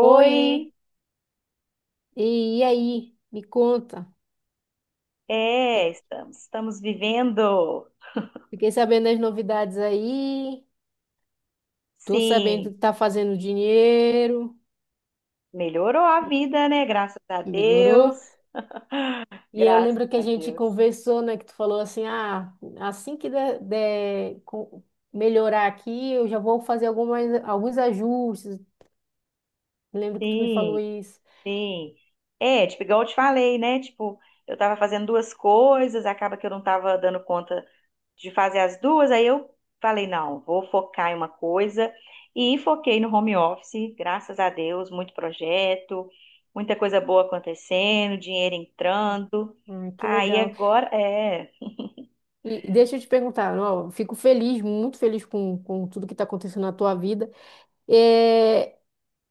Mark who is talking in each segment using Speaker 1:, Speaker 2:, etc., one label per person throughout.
Speaker 1: Oi, e aí? Me conta.
Speaker 2: é,
Speaker 1: Fi-
Speaker 2: estamos, estamos vivendo.
Speaker 1: Fiquei sabendo das novidades aí. Tô sabendo
Speaker 2: Sim,
Speaker 1: que tá fazendo dinheiro.
Speaker 2: melhorou a vida, né? Graças a Deus.
Speaker 1: Melhorou. E eu
Speaker 2: Graças
Speaker 1: lembro que a
Speaker 2: a
Speaker 1: gente
Speaker 2: Deus.
Speaker 1: conversou, né? Que tu falou assim, ah, assim que der melhorar aqui, eu já vou fazer alguns ajustes. Lembro que tu me
Speaker 2: Sim.
Speaker 1: falou isso.
Speaker 2: Sim. É, tipo, igual eu te falei, né? Tipo, eu tava fazendo duas coisas, acaba que eu não tava dando conta de fazer as duas, aí eu falei, não, vou focar em uma coisa e foquei no home office, graças a Deus, muito projeto, muita coisa boa acontecendo, dinheiro entrando.
Speaker 1: Ah, que
Speaker 2: Aí
Speaker 1: legal.
Speaker 2: agora, é.
Speaker 1: E deixa eu te perguntar, ó, eu fico feliz, muito feliz com tudo que está acontecendo na tua vida. É,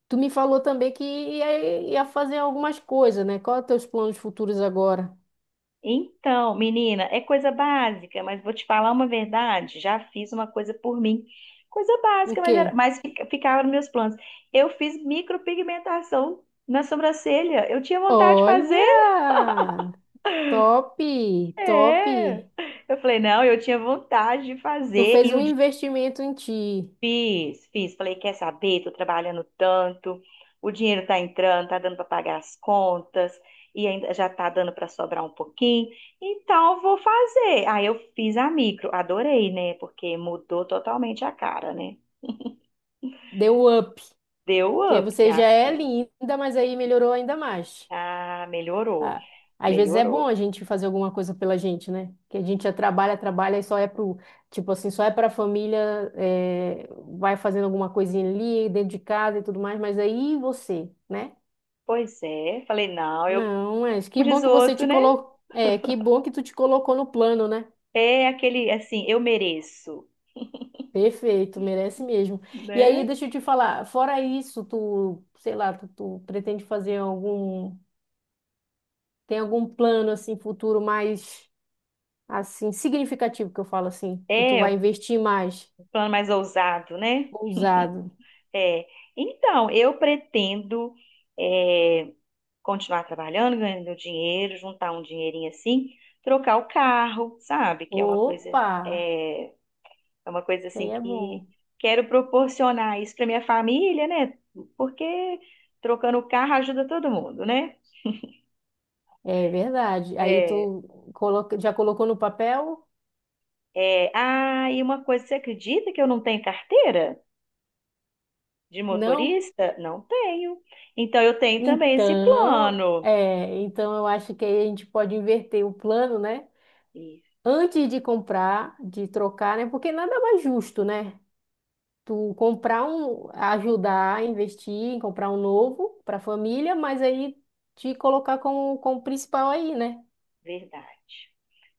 Speaker 1: tu me falou também que ia fazer algumas coisas, né? Qual é os teus planos futuros agora?
Speaker 2: Então, menina, é coisa básica, mas vou te falar uma verdade. Já fiz uma coisa por mim. Coisa
Speaker 1: O
Speaker 2: básica, mas, era,
Speaker 1: quê?
Speaker 2: mas ficava nos meus planos. Eu fiz micropigmentação na sobrancelha. Eu tinha vontade de fazer.
Speaker 1: Olha! Top! Top!
Speaker 2: É. Eu falei, não, eu tinha vontade de
Speaker 1: Tu
Speaker 2: fazer.
Speaker 1: fez
Speaker 2: E
Speaker 1: um
Speaker 2: o
Speaker 1: investimento em ti.
Speaker 2: Fiz, fiz. Falei, quer saber? Tô trabalhando tanto, o dinheiro tá entrando, tá dando para pagar as contas e ainda já tá dando para sobrar um pouquinho. Então vou fazer. Aí eu fiz a micro, adorei, né? Porque mudou totalmente a cara, né?
Speaker 1: Deu up.
Speaker 2: Deu
Speaker 1: Porque
Speaker 2: up,
Speaker 1: você
Speaker 2: minha
Speaker 1: já é
Speaker 2: filha.
Speaker 1: linda, mas aí melhorou ainda mais.
Speaker 2: Ah, melhorou,
Speaker 1: Ah, às vezes é bom a
Speaker 2: melhorou.
Speaker 1: gente fazer alguma coisa pela gente, né? Que a gente já trabalha, trabalha e só é pro. Tipo assim, só é pra família, é, vai fazendo alguma coisinha ali, dentro de casa e tudo mais. Mas aí você, né?
Speaker 2: Pois é, falei, não, eu,
Speaker 1: Não, mas que
Speaker 2: como
Speaker 1: bom
Speaker 2: diz o
Speaker 1: que você te
Speaker 2: outro, né?
Speaker 1: colocou. É, que bom que tu te colocou no plano, né?
Speaker 2: É aquele assim, eu mereço,
Speaker 1: Perfeito, merece mesmo. E aí,
Speaker 2: né?
Speaker 1: deixa eu te falar, fora isso, tu, sei lá, tu pretende fazer algum, tem algum plano assim futuro mais assim significativo que eu falo assim, que tu vai
Speaker 2: É
Speaker 1: investir mais
Speaker 2: um plano mais ousado, né?
Speaker 1: ousado.
Speaker 2: É, então, eu pretendo é, continuar trabalhando, ganhando meu dinheiro, juntar um dinheirinho assim, trocar o carro, sabe? Que é uma coisa,
Speaker 1: Opa,
Speaker 2: é, é uma coisa
Speaker 1: isso aí
Speaker 2: assim
Speaker 1: é bom.
Speaker 2: que quero proporcionar isso para minha família, né? Porque trocando o carro ajuda todo mundo, né?
Speaker 1: É verdade. Aí
Speaker 2: É,
Speaker 1: tu coloca, já colocou no papel?
Speaker 2: é, ah, e uma coisa, você acredita que eu não tenho carteira de
Speaker 1: Não?
Speaker 2: motorista? Não tenho. Então, eu tenho também esse
Speaker 1: Então,
Speaker 2: plano.
Speaker 1: é, então eu acho que aí a gente pode inverter o plano, né?
Speaker 2: Isso,
Speaker 1: Antes de comprar, de trocar, né? Porque nada mais justo, né? Tu comprar um, ajudar a investir em comprar um novo para a família, mas aí te colocar como principal aí, né?
Speaker 2: verdade.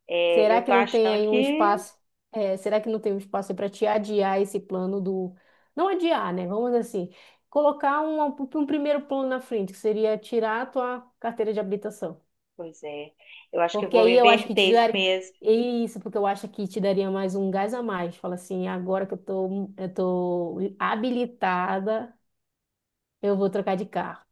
Speaker 2: É,
Speaker 1: Será
Speaker 2: eu tô
Speaker 1: que não tem
Speaker 2: achando
Speaker 1: aí
Speaker 2: que.
Speaker 1: um espaço? É, será que não tem um espaço para te adiar esse plano do. Não adiar, né? Vamos dizer assim, colocar um primeiro plano na frente, que seria tirar a tua carteira de habilitação.
Speaker 2: Pois é. Eu acho que eu
Speaker 1: Porque
Speaker 2: vou
Speaker 1: aí eu acho que te
Speaker 2: inverter isso
Speaker 1: daria.
Speaker 2: mesmo.
Speaker 1: É isso, porque eu acho que te daria mais um gás a mais. Fala assim, agora que eu tô habilitada, eu vou trocar de carro.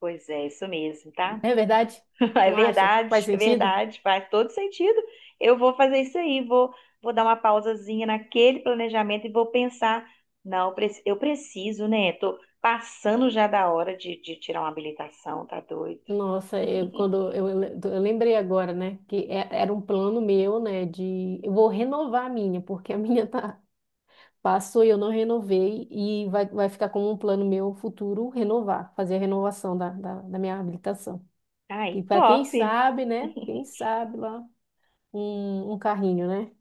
Speaker 2: Pois é, isso mesmo,
Speaker 1: Não
Speaker 2: tá?
Speaker 1: é verdade? Tu não acha? Faz
Speaker 2: É
Speaker 1: sentido?
Speaker 2: verdade, faz todo sentido. Eu vou fazer isso aí, vou, vou dar uma pausazinha naquele planejamento e vou pensar. Não, eu preciso, né? Tô passando já da hora de tirar uma habilitação, tá doido?
Speaker 1: Nossa, eu, quando eu lembrei agora, né, que era um plano meu, né, de eu vou renovar a minha, porque a minha tá passou e eu não renovei e vai ficar como um plano meu futuro renovar, fazer a renovação da minha habilitação. E
Speaker 2: Aí,
Speaker 1: para quem
Speaker 2: top!
Speaker 1: sabe, né, quem sabe lá um carrinho, né?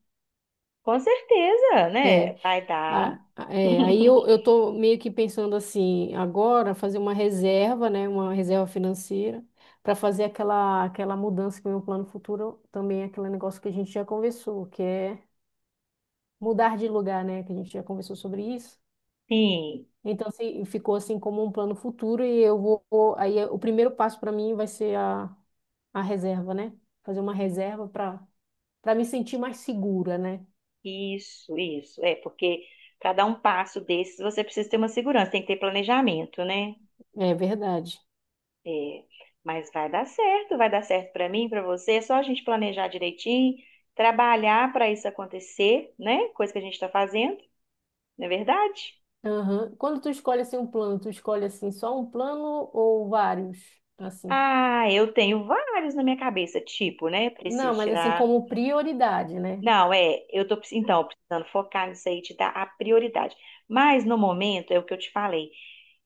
Speaker 2: Com certeza, né?
Speaker 1: É,
Speaker 2: Vai dar.
Speaker 1: é, aí eu, eu tô meio que pensando assim, agora fazer uma reserva, né, uma reserva financeira, para fazer aquela mudança que é o meu plano futuro também é aquele negócio que a gente já conversou, que é mudar de lugar, né, que a gente já conversou sobre isso.
Speaker 2: Sim.
Speaker 1: Então, assim, ficou assim como um plano futuro e aí o primeiro passo para mim vai ser a reserva, né? Fazer uma reserva para me sentir mais segura, né?
Speaker 2: Isso, isso. É, porque para dar um passo desses, você precisa ter uma segurança, tem que ter planejamento, né?
Speaker 1: É verdade.
Speaker 2: É, mas vai dar certo para mim, para você. É só a gente planejar direitinho, trabalhar para isso acontecer, né? Coisa que a gente está fazendo, não é verdade?
Speaker 1: Aham. Quando tu escolhe assim um plano, tu escolhe assim só um plano ou vários? Assim.
Speaker 2: Ah, eu tenho vários na minha cabeça, tipo, né?
Speaker 1: Não,
Speaker 2: Preciso
Speaker 1: mas assim
Speaker 2: tirar.
Speaker 1: como prioridade, né?
Speaker 2: Não, é, então, precisando focar nisso aí, te dar a prioridade. Mas no momento, é o que eu te falei.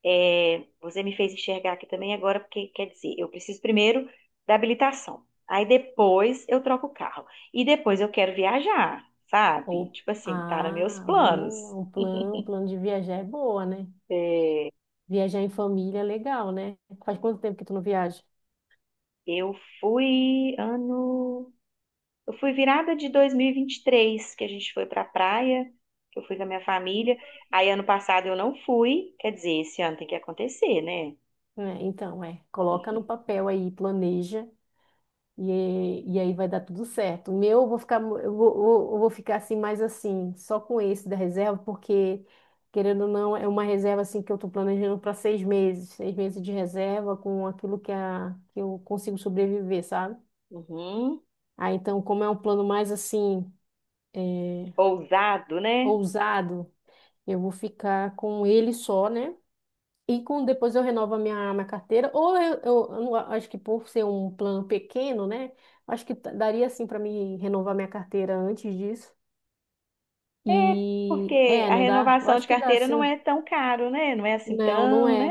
Speaker 2: É, você me fez enxergar aqui também agora, porque quer dizer, eu preciso primeiro da habilitação. Aí depois eu troco o carro. E depois eu quero viajar, sabe?
Speaker 1: Ou
Speaker 2: Tipo assim, tá nos meus
Speaker 1: ah,
Speaker 2: planos.
Speaker 1: boa, um plano de viajar é boa, né?
Speaker 2: É,
Speaker 1: Viajar em família é legal, né? Faz quanto tempo que tu não viaja?
Speaker 2: eu fui ano. Eu fui virada de dois mil e vinte e três, que a gente foi pra praia, que eu fui com a minha família. Aí ano passado eu não fui, quer dizer, esse ano tem que acontecer, né?
Speaker 1: Né? Então, é, coloca no papel aí, planeja. E aí vai dar tudo certo. O meu, eu vou ficar assim, mais assim, só com esse da reserva, porque, querendo ou não, é uma reserva assim que eu estou planejando para seis meses de reserva com aquilo que eu consigo sobreviver, sabe?
Speaker 2: Uhum.
Speaker 1: Ah, então, como é um plano mais assim, é,
Speaker 2: Ousado, né?
Speaker 1: ousado, eu vou ficar com ele só, né? E depois eu renovo a minha carteira, ou eu não acho que por ser um plano pequeno, né? Acho que daria assim para mim renovar minha carteira antes disso.
Speaker 2: É,
Speaker 1: E
Speaker 2: porque
Speaker 1: é,
Speaker 2: a
Speaker 1: não dá? Eu
Speaker 2: renovação
Speaker 1: acho
Speaker 2: de
Speaker 1: que dá
Speaker 2: carteira não
Speaker 1: sim.
Speaker 2: é tão caro, né? Não é assim
Speaker 1: Não, não
Speaker 2: tão, né?
Speaker 1: é.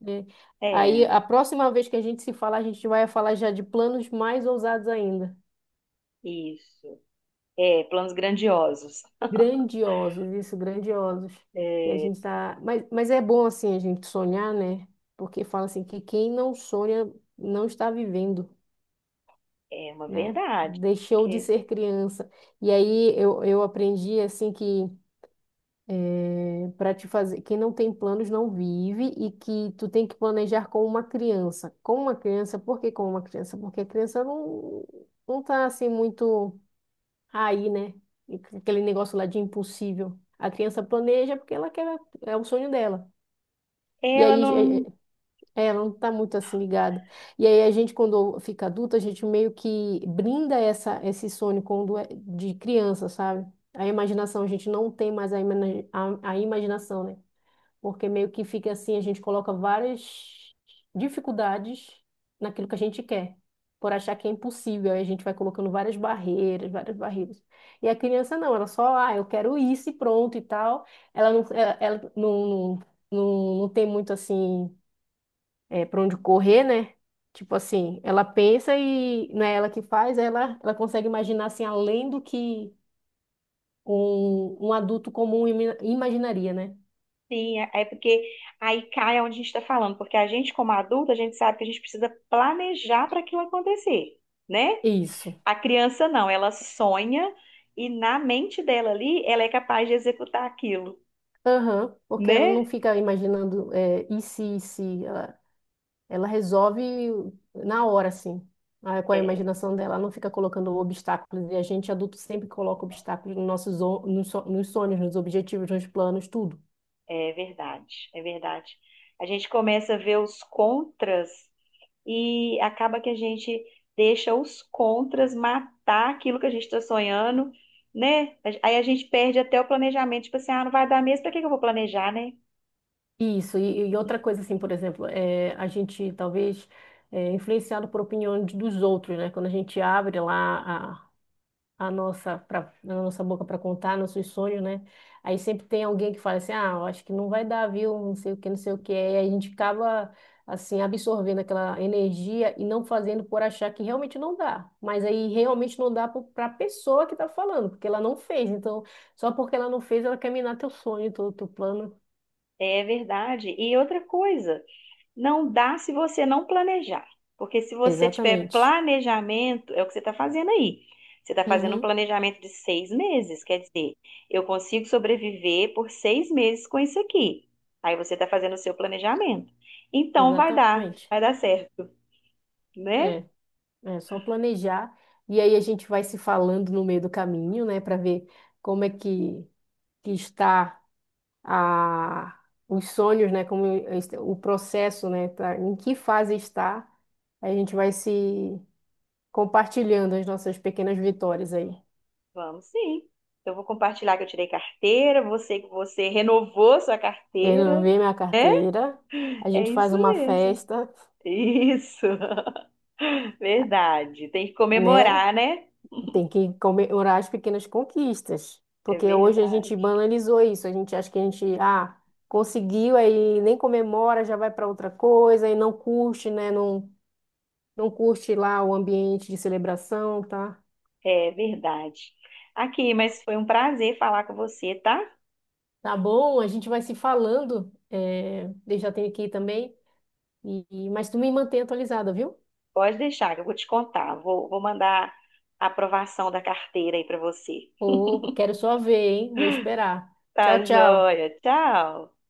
Speaker 1: Né? Aí
Speaker 2: É,
Speaker 1: a próxima vez que a gente se falar, a gente vai falar já de planos mais ousados ainda.
Speaker 2: isso. É, planos grandiosos.
Speaker 1: Grandiosos, isso, grandiosos. E a gente tá. Mas é bom assim a gente sonhar, né? Porque fala assim que quem não sonha não está vivendo.
Speaker 2: É uma
Speaker 1: Né?
Speaker 2: verdade,
Speaker 1: Deixou de
Speaker 2: porque
Speaker 1: ser criança. E aí eu aprendi assim que é, para te fazer, quem não tem planos não vive e que tu tem que planejar com uma criança. Com uma criança, por que com uma criança? Porque a criança não, não tá assim muito aí, né? Aquele negócio lá de impossível. A criança planeja porque ela quer, é o sonho dela. E
Speaker 2: ela
Speaker 1: aí
Speaker 2: não
Speaker 1: é, ela não está muito assim ligada. E aí a gente, quando fica adulta, a gente meio que brinda esse sonho quando é de criança, sabe? A imaginação, a gente não tem mais a imaginação, né? Porque meio que fica assim, a gente coloca várias dificuldades naquilo que a gente quer, por achar que é impossível. Aí a gente vai colocando várias barreiras, várias barreiras. E a criança não, ela só, ah, eu quero isso e pronto e tal. Ela não, ela, ela não, não, não, não tem muito assim é, para onde correr, né? Tipo assim, ela pensa e não é ela que faz, ela consegue imaginar assim, além do que um adulto comum imaginaria, né?
Speaker 2: Sim, é porque aí cai onde a gente está falando, porque a gente, como adulto, a gente sabe que a gente precisa planejar para aquilo acontecer, né?
Speaker 1: Isso.
Speaker 2: A criança não, ela sonha e na mente dela ali, ela é capaz de executar aquilo,
Speaker 1: Aham, porque ela não
Speaker 2: né?
Speaker 1: fica imaginando é, e se, e se. Ela resolve na hora, assim, com a
Speaker 2: É,
Speaker 1: imaginação dela. Ela não fica colocando obstáculos. E a gente, adulto, sempre coloca obstáculos nos sonhos, nos objetivos, nos planos, tudo.
Speaker 2: é verdade, é verdade. A gente começa a ver os contras e acaba que a gente deixa os contras matar aquilo que a gente está sonhando, né? Aí a gente perde até o planejamento, tipo assim, ah, não vai dar mesmo, para que que eu vou planejar, né?
Speaker 1: Isso, e outra coisa, assim, por exemplo, é, a gente talvez é influenciado por opiniões dos outros, né? Quando a gente abre lá a, a nossa boca para contar nossos sonhos, né? Aí sempre tem alguém que fala assim: ah, eu acho que não vai dar, viu? Não sei o que, não sei o que. Aí a gente acaba, assim, absorvendo aquela energia e não fazendo por achar que realmente não dá. Mas aí realmente não dá para a pessoa que está falando, porque ela não fez. Então, só porque ela não fez, ela quer minar teu sonho, teu plano.
Speaker 2: É verdade. E outra coisa, não dá se você não planejar. Porque se você tiver
Speaker 1: Exatamente.
Speaker 2: planejamento, é o que você está fazendo aí. Você está fazendo um
Speaker 1: Uhum,
Speaker 2: planejamento de 6 meses, quer dizer, eu consigo sobreviver por 6 meses com isso aqui. Aí você está fazendo o seu planejamento. Então
Speaker 1: exatamente.
Speaker 2: vai dar certo, né?
Speaker 1: É, é só planejar e aí a gente vai se falando no meio do caminho, né, para ver como é que está a os sonhos, né, como o processo, né, tá, em que fase está. A gente vai se compartilhando as nossas pequenas vitórias aí.
Speaker 2: Vamos sim. Eu vou compartilhar que eu tirei carteira, você que você renovou sua
Speaker 1: Vendo,
Speaker 2: carteira.
Speaker 1: vê minha carteira, a
Speaker 2: É
Speaker 1: gente faz
Speaker 2: isso
Speaker 1: uma
Speaker 2: mesmo.
Speaker 1: festa,
Speaker 2: Isso. Verdade. Tem que
Speaker 1: né?
Speaker 2: comemorar, né?
Speaker 1: Tem que comemorar as pequenas conquistas,
Speaker 2: É
Speaker 1: porque hoje a gente
Speaker 2: verdade.
Speaker 1: banalizou isso, a gente acha que a gente, ah, conseguiu, aí nem comemora, já vai para outra coisa, e não curte, né? Não, não curte lá o ambiente de celebração, tá?
Speaker 2: É verdade. Aqui, mas foi um prazer falar com você, tá?
Speaker 1: Tá bom, a gente vai se falando, é, eu já tenho aqui também, mas tu me mantém atualizada, viu?
Speaker 2: Pode deixar, que eu vou te contar. Vou, vou mandar a aprovação da carteira aí pra você.
Speaker 1: Ô, quero só ver, hein? Vou esperar.
Speaker 2: Tá
Speaker 1: Tchau, tchau.
Speaker 2: joia. Tchau.